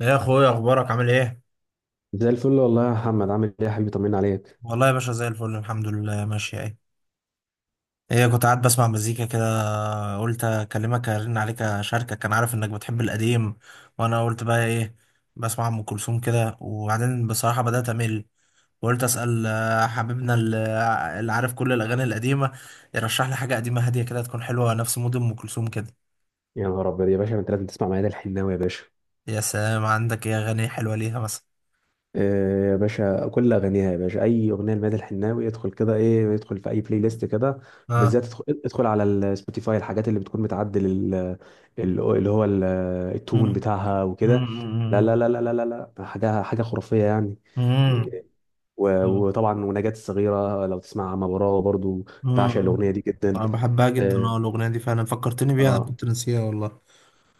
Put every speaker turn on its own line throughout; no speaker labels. يا اخويا اخبارك عامل ايه؟
زي الفل والله يا محمد، عامل ايه يا حبيبي؟ طمنا عليك.
والله يا باشا زي الفل الحمد لله ماشي اهي. ايه، كنت قاعد بسمع مزيكا كده، قلت اكلمك ارن عليك اشاركك، كان عارف انك بتحب القديم. وانا قلت بقى ايه؟ بسمع ام كلثوم كده وبعدين بصراحه بدات امل، وقلت اسال حبيبنا اللي عارف كل الاغاني القديمه يرشح لي حاجه قديمه هاديه كده تكون حلوه نفس مود ام كلثوم كده.
يا نهار ابيض يا باشا، ما انت لازم تسمع ميادة الحناوي يا باشا.
يا سلام، عندك ايه اغاني حلوه ليها مثلا؟
إيه يا باشا، كل اغانيها يا باشا، اي اغنيه لميادة الحناوي ادخل كده، ايه ادخل في اي بلاي ليست كده.
اه.
بالذات ادخل على السبوتيفاي، الحاجات اللي بتكون متعدل ال- اللي هو ال- التون
امم
بتاعها وكده. لا لا لا لا لا لا لا، حاجه حاجه خرافيه يعني.
امم
إيه، وطبعا ونجاة الصغيره لو تسمع عم براوه برضو. بعشق
مم.
الاغنيه دي جدا.
انا بحبها جدا،
اه.
اه، الاغنيه دي فعلا فكرتني بيها، انا
آه.
كنت ناسيها والله.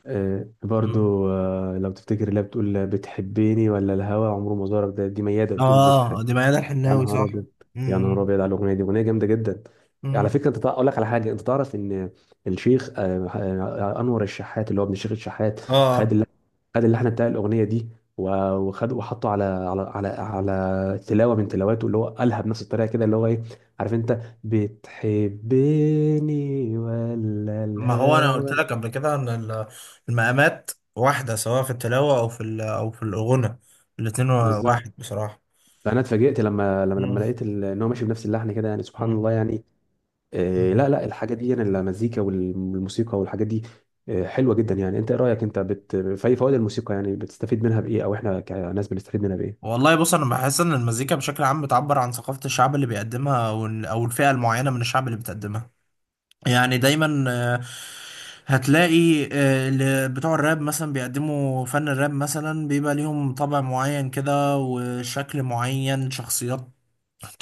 آه،
مم.
برضو، لو تفتكر اللي هي بتقول بتحبيني ولا الهوى عمره ما زارك، ده دي ميادة بتقول بتحب.
اه دي ميادة
يا
الحناوي
نهار
صح.
ابيض. يا نهار
مم.
ابيض على الاغنيه دي، اغنيه جامده جدا. على
مم.
فكره انت اقول لك على حاجه، انت تعرف ان الشيخ انور الشحات اللي هو ابن الشيخ الشحات. خد
اه،
اللحن خد اللحن بتاع الاغنيه دي، و- وخد وحطه على تلاوه من تلاواته اللي هو قالها بنفس الطريقه كده اللي هو ايه، عارف انت بتحبني ولا
ما هو انا قلت
الهوى.
لك قبل كده ان المقامات واحده، سواء في التلاوه او في ال- او في الغنى، الاتنين
بالظبط.
واحد بصراحه.
انا اتفاجئت لما
مم.
لقيت ان هو ماشي بنفس اللحن كده يعني سبحان
مم.
الله يعني. إيه لا لا الحاجات دي يعني المزيكا والموسيقى والحاجات دي آه، حلوه جدا يعني. انت ايه رايك انت في أي فوائد الموسيقى، يعني بتستفيد منها بايه، او احنا كناس بنستفيد منها بايه؟
والله بص، انا بحس ان المزيكا بشكل عام بتعبر عن ثقافه الشعب اللي بيقدمها، او الفئه المعينه من الشعب اللي بتقدمها. يعني دايما هتلاقي اللي بتوع الراب مثلا بيقدموا فن الراب مثلا بيبقى ليهم طبع معين كده وشكل معين، شخصيات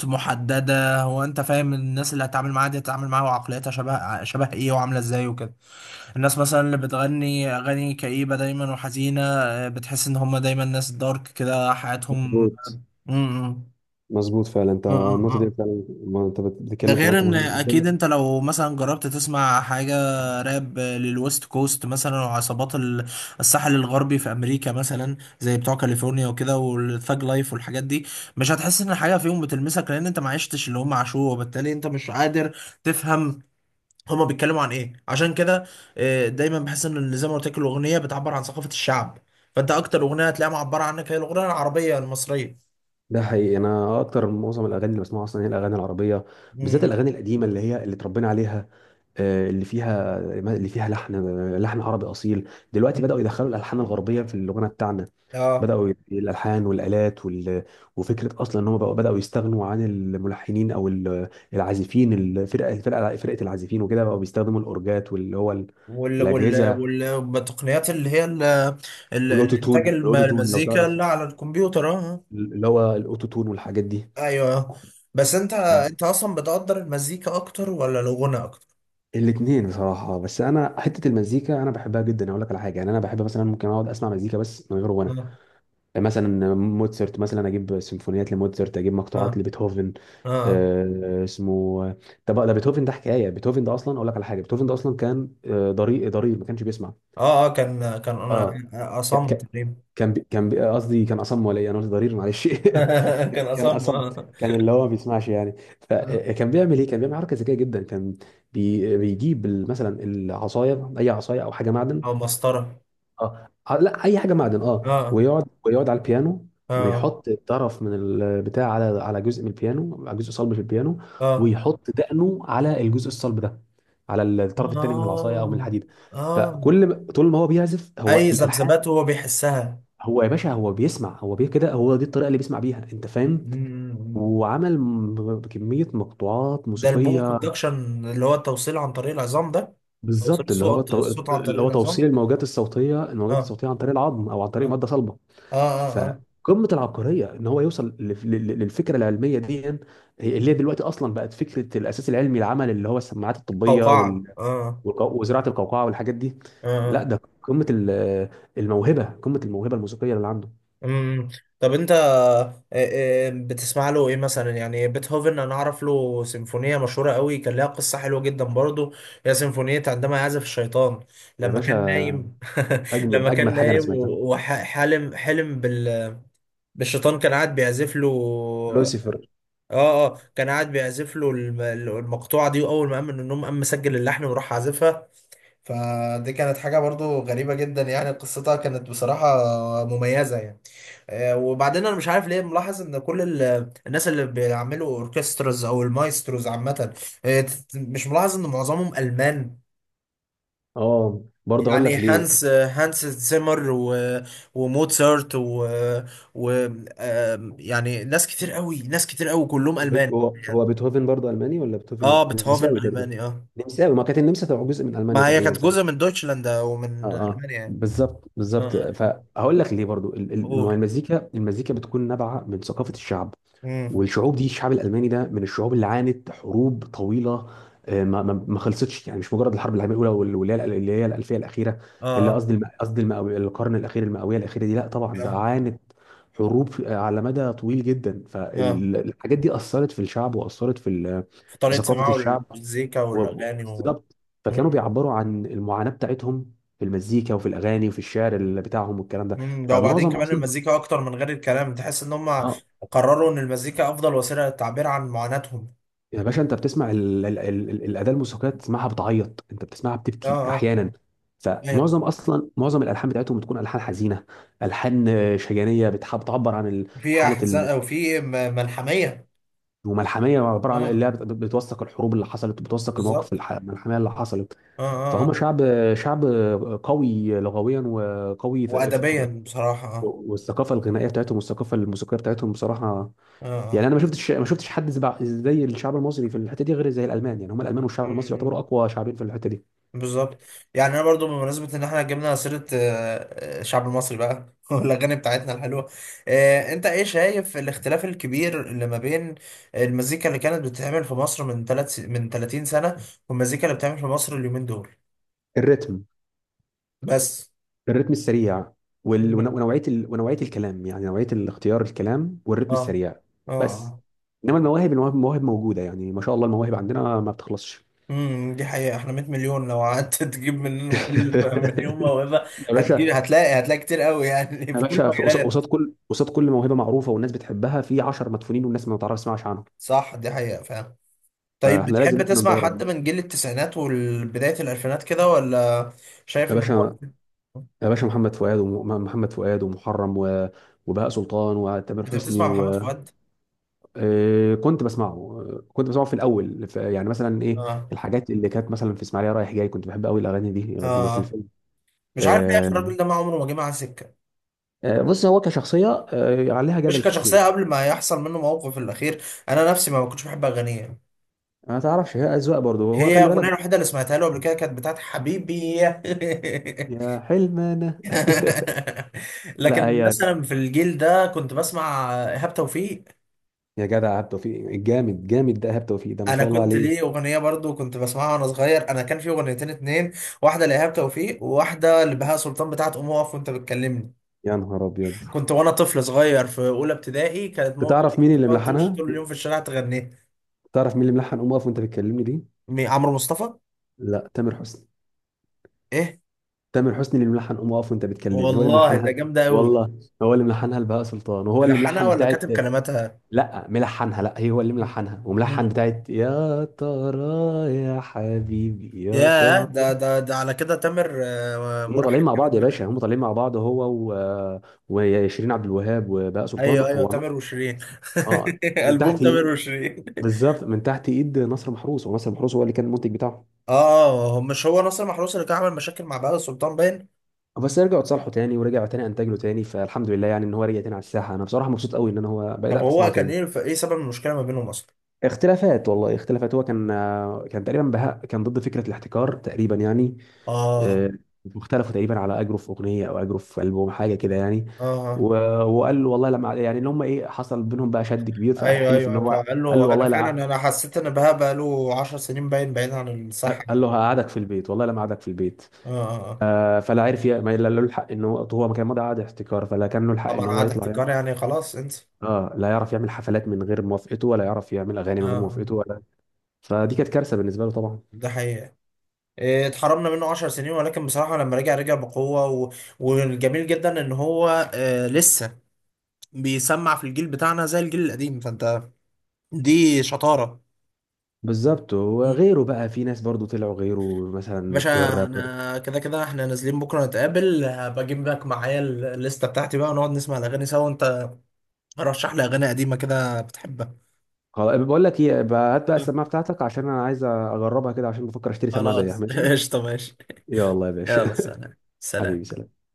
محددة. هو انت فاهم الناس اللي هتتعامل معاها دي هتتعامل معاها وعقليتها شبه ايه وعاملة ازاي وكده. الناس مثلا اللي بتغني اغاني كئيبة دايما وحزينة، بتحس ان هم دايما ناس دارك كده حياتهم.
مظبوط.
م- م.
مظبوط فعلا، انت النقطه دي
م.
فعلا، ما انت بت-
ده
بتتكلم في
غير
نقطه
ان
مهمه
اكيد
جدا.
انت لو مثلا جربت تسمع حاجة راب للويست كوست مثلا، وعصابات الساحل الغربي في امريكا مثلا، زي بتوع كاليفورنيا وكده والثاج لايف والحاجات دي، مش هتحس ان حاجة فيهم بتلمسك، لان انت ما عشتش اللي هم عاشوه وبالتالي انت مش قادر تفهم هما بيتكلموا عن ايه. عشان كده دايما بحس ان اللي زي ما قلت لك الاغنية بتعبر عن ثقافة الشعب، فانت اكتر اغنية هتلاقيها معبرة عنك هي الاغنية العربية المصرية.
ده حقيقي، انا اكتر معظم الاغاني اللي بسمعها اصلا هي الاغاني العربيه. بالذات
م-
الاغاني القديمه اللي اتربينا عليها، آه، اللي فيها اللي فيها لحن عربي اصيل. دلوقتي
م.
بداوا يدخلوا الالحان الغربيه في الغنى بتاعنا.
اه،
بداوا الالحان والالات وفكره اصلا ان هم بقوا بداوا يستغنوا عن الملحنين او العازفين، الفرقه الفرقه فرقه العازفين وكده، بقوا بيستخدموا الاورجات واللي هو الاجهزه،
والتقنيات اللي هي الانتاج،
والاوتوتون الاوتوتون لو
المزيكا
تعرف
اللي على الكمبيوتر، اه آه.
اللي هو الاوتوتون والحاجات دي.
ايوه، بس انت انت اصلا بتقدر المزيكا اكتر ولا الغنى اكتر؟
الاثنين بصراحه، بس انا حته المزيكا انا بحبها جدا، اقول لك على حاجه يعني انا بحب مثلا، ممكن اقعد اسمع مزيكا بس من غير غنى.
اه
مثلا موتسرت، مثلا اجيب سيمفونيات لموتسرت، اجيب
اه
مقطوعات لبيتهوفن.
اه.
آه، اسمه. طب ده بيتهوفن ده حكايه، بيتهوفن ده اصلا اقول لك على حاجه، بيتهوفن ده اصلا كان ضرير ما كانش بيسمع.
اه، آه كان كان انا
اه ك...
اصم
ك...
تقريبا.
قصدي كان اصم ولا ايه، انا قلت ضرير معلش.
كان
كان
اصم
اصم،
اه
كان اللي هو ما بيسمعش يعني.
آه.
فكان بيعمل ايه، كان بيعمل حركه ذكيه جدا، بيجيب مثلا العصايه، اي عصايه او حاجه معدن.
او مسطره.
اه، لا اي حاجه معدن اه،
اه
ويقعد على البيانو.
اه
ويحط طرف من البتاع على جزء من البيانو، على جزء صلب في البيانو.
اه
ويحط دقنه على الجزء الصلب ده، على الطرف التاني من العصايه او من
اه
الحديد.
اه.
فكل ما- طول ما هو بيعزف هو
اي
الالحان.
ذبذبات هو بيحسها.
هو يا باشا هو بيسمع هو بيه كده، هو دي الطريقه اللي بيسمع بيها، انت فاهم. وعمل كميه مقطوعات
ده البون
موسيقيه.
كوندكشن، اللي هو التوصيل عن طريق العظام ده، توصيل
بالظبط،
الصوت الصوت عن
اللي
طريق
هو توصيل
العظام. اه
الموجات الصوتيه عن طريق العظم او عن طريق
اه
ماده صلبه.
اه اه اه.
فقمه العبقريه ان هو يوصل للفكره العلميه دي، اللي هي دلوقتي اصلا بقت فكره الاساس العلمي العمل اللي هو السماعات الطبيه
القوقعة، اه
وزراعه القوقعه والحاجات دي.
اه
لا
آه.
ده قمه الموهبه الموسيقيه اللي عنده.
امم. أمم. طب انت بتسمع له ايه مثلا يعني بيتهوفن؟ انا اعرف له سيمفونية مشهورة قوي كان لها قصة حلوة جدا برضه، هي سيمفونية عندما يعزف الشيطان،
يا
لما
باشا،
كان نايم.
اجمد
لما كان
اجمل حاجه انا
نايم
سمعتها.
وحلم، حلم بالشيطان كان قاعد بيعزف له.
لوسيفر.
اه اه، كان قاعد بيعزف له المقطوعه دي، واول ما قام من النوم قام مسجل اللحن وراح عازفها. فدي كانت حاجه برضو غريبه جدا يعني، قصتها كانت بصراحه مميزه يعني. وبعدين انا مش عارف ليه ملاحظ ان كل الناس اللي بيعملوا اوركستراز او المايستروز عامه مش ملاحظ ان معظمهم المان؟
اه برضه هقول
يعني
لك ليه.
هانس زيمر وموتسارت و, و... آم، يعني ناس كتير قوي كلهم المان.
هو بيتهوفن برضه الماني ولا بيتهوفن،
اه،
لا
بيتهوفن
نمساوي تقريبا.
الماني اه.
نمساوي، ما كانت النمسا تبع جزء من المانيا
ما هي
تقريبا
كانت
ساعتها.
جزء من دويتشلاند
اه
ومن
اه
المانيا يعني.
بالظبط
اه
بالظبط.
اه آه.
فهقول لك ليه برضو، ما هو
قول.
المزيكا بتكون نابعه من ثقافه الشعب.
امم.
والشعوب دي الشعب الالماني ده من الشعوب اللي عانت حروب طويله، ما خلصتش يعني. مش مجرد الحرب العالميه الاولى واللي هي الالفيه الاخيره اللي
اه
قصدي، القرن الاخير، المئويه الاخيره دي، لا طبعا
اه
ده
اه
عانت حروب على مدى طويل جدا.
اه،
فالحاجات دي اثرت في الشعب واثرت
في
في
طريقه
ثقافه
سماعه
الشعب،
المزيكا والاغاني و...
بالظبط. فكانوا
مم.
بيعبروا عن المعاناه بتاعتهم في المزيكا وفي الاغاني وفي الشعر اللي بتاعهم والكلام ده.
مم. ده وبعدين
فمعظم
كمان
اصلا
المزيكا اكتر من غير الكلام، تحس ان هم
اه
قرروا ان المزيكا افضل وسيله للتعبير عن معاناتهم.
يا باشا، انت بتسمع الاداه الموسيقيه بتسمعها بتعيط، انت بتسمعها
مم.
بتبكي
اه اه.
احيانا.
ايوه،
فمعظم اصلا معظم الالحان بتاعتهم بتكون الحان حزينه، الحان شجانيه بتعبر عن
وفي
حاله
احزان او في ملحميه.
وملحميه عباره عن
اه،
اللي هي بتوثق الحروب اللي حصلت، بتوثق المواقف
بالظبط.
الملحميه اللي حصلت.
اه اه
فهم
اه.
شعب شعب قوي لغويا، وقوي
وادبيا بصراحه اه.
والثقافه الغنائيه بتاعتهم والثقافه الموسيقيه بتاعتهم بصراحه.
اه
يعني
اه.
انا ما شفتش حد زي الشعب المصري في الحته دي، غير زي الالمان يعني، هم الالمان والشعب المصري يعتبروا
مم.
اقوى شعبين في الحته دي.
بالظبط. يعني انا برضو بمناسبه ان احنا جبنا سيره الشعب المصري بقى والاغاني بتاعتنا الحلوه، انت ايه شايف الاختلاف الكبير اللي ما بين المزيكا اللي كانت بتتعمل في مصر من ثلاث من 30 سنه والمزيكا اللي بتتعمل في مصر اليومين دول؟
الريتم.
بس.
الريتم السريع،
اه
ونوعيه الكلام، يعني نوعيه الاختيار الكلام، والريتم
اه
السريع بس.
اه.
انما المواهب موجوده يعني ما شاء الله، المواهب عندنا ما بتخلصش.
امم، دي حقيقه، احنا 100 مليون، لو قعدت تجيب مننا كل مليون موهبه
يا
هتجيب،
باشا،
هتلاقي هتلاقي كتير قوي يعني
يا
في كل
باشا
المجالات.
قصاد كل موهبه معروفه والناس بتحبها، في 10 مدفونين والناس ما تعرفش تسمعش عنهم،
صح، دي حقيقه فعلا. طيب
فاحنا لازم
بتحب
احنا
تسمع
ندور
حد
عليهم.
من جيل التسعينات وبداية الألفينات كده ولا شايف
يا
إن هو...
باشا، يا باشا محمد فؤاد، ومحمد فؤاد ومحرم وبهاء سلطان وتامر
أنت
حسني
بتسمع محمد فؤاد؟
آه، كنت بسمعه. آه، كنت بسمعه في الاول يعني مثلا ايه
آه.
الحاجات اللي كانت مثلا في اسماعيليه رايح جاي، كنت بحب قوي الاغاني دي اللي في
آه،
الفيلم.
مش عارف ليه يا أخي،
آه،
الراجل ده ما عمره ما جه معاه سكة.
آه، بص هو كشخصيه، عليها
مش
جدل كتير
كشخصية،
يعني.
قبل ما يحصل منه موقف الأخير أنا نفسي ما كنتش بحب أغانيه يعني.
ما تعرفش، هي اذواق برضه، هو
هي
خلي بالك.
الأغنية الوحيدة اللي سمعتها له قبل كده كانت بتاعت حبيبي.
يا حلم انا لا
لكن
هي.
مثلا في الجيل ده كنت بسمع إيهاب توفيق.
يا جدع ايهاب توفيق الجامد جامد ده، ايهاب توفيق ده ما
انا
شاء الله
كنت ليه
عليه.
اغنيه برضو كنت بسمعها وانا صغير، انا كان في اغنيتين اتنين، واحده لإيهاب توفيق وواحده لبهاء سلطان بتاعت قوم اقف وانت بتكلمني.
يا نهار ابيض.
كنت وانا طفل صغير في اولى ابتدائي كانت ماما بتقول
تعرف
لي
مين
كنت
اللي
بتقعد تمشي
ملحنها؟
طول اليوم في الشارع تغني.
تعرف مين اللي ملحن قوم اقف وانت بتكلمني دي؟
عمرو مصطفى.
لا، تامر حسني.
ايه؟
تامر حسني اللي ملحن قوم اقف وانت بتكلمني هو اللي
والله ده
ملحنها.
جامده قوي.
والله هو اللي ملحنها لبهاء سلطان، وهو اللي
ملحنها
ملحن
ولا
بتاعت.
كاتب كلماتها؟
لا ملحنها، لا هي هو اللي ملحنها وملحن
مم.
بتاعت يا ترى، يا حبيبي يا
ياه،
ترى.
ده على كده تامر
هم طالعين
مرحب
مع بعض يا
جامد بقى.
باشا، هم طالعين مع بعض هو و... وشيرين عبد الوهاب وبهاء سلطان
ايوه ايوه،
هو.
تامر وشيرين.
اه، من
البوم
تحت
تامر
ايد.
وشيرين.
بالظبط، من تحت ايد نصر محروس، ونصر محروس هو اللي كان المنتج بتاعه.
اه، هو مش هو ناصر محروس اللي كان عامل مشاكل مع بهاء سلطان باين؟
بس رجعوا اتصالحوا تاني، ورجعوا تاني انتج له تاني فالحمد لله يعني ان هو رجع تاني على الساحه. انا بصراحه مبسوط قوي ان انا هو
طب
بدات
هو
اسمعه
كان
تاني.
ايه، ايه سبب المشكله ما بينهم اصلا؟
اختلافات والله، اختلافات، هو كان، كان تقريبا بهاء كان ضد فكره الاحتكار تقريبا يعني.
اه
آه، واختلفوا تقريبا على اجره في اغنيه او اجره في البوم حاجه كده يعني.
اه
و-
آه.
وقال له والله لما يعني اللي هم ايه حصل بينهم بقى شد كبير،
ايوه
فحلف
ايوه
ان
أيوة.
هو
فقال
قال له
له انا
والله
فعلا
لا،
انا حسيت ان بهاء بقى له 10 سنين باين بعيد عن الصحه
قال
يعني.
له هقعدك في البيت والله لا قعدك في البيت.
اه آه، آه.
فلا عرف ما لا له الحق ان هو ما كان مضى قعد احتكار فلا كان له الحق ان
طبعا
هو
عاد
يطلع.
احتكار يعني خلاص انت...
اه لا يعرف يعمل حفلات من غير موافقته، ولا يعرف يعمل اغاني
اه
من غير
آه.
موافقته ولا. فدي كانت كارثه بالنسبه له طبعا.
ده حقيقه. إيه، اتحرمنا منه 10 سنين، ولكن بصراحه لما رجع رجع بقوه، والجميل جدا ان هو آه لسه بيسمع في الجيل بتاعنا زي الجيل القديم، فانت دي شطاره.
بالظبط، وغيره بقى، في ناس برضو طلعوا غيره، مثلا
باشا،
بتوع الراب.
انا كده كده احنا نازلين بكره نتقابل، بجيب لك معايا الليسته بتاعتي بقى ونقعد نسمع الاغاني سوا، وانت رشح لي اغاني قديمه كده بتحبها.
خلاص، بقول لك ايه بقى، هات بقى السماعه بتاعتك عشان انا عايز اجربها كده، عشان بفكر اشتري سماعه زيها
خلاص
ماشي.
قشطه ماشي.
يلا يا
يلا
باشا.
سلام
حبيبي
سلام.
سلام.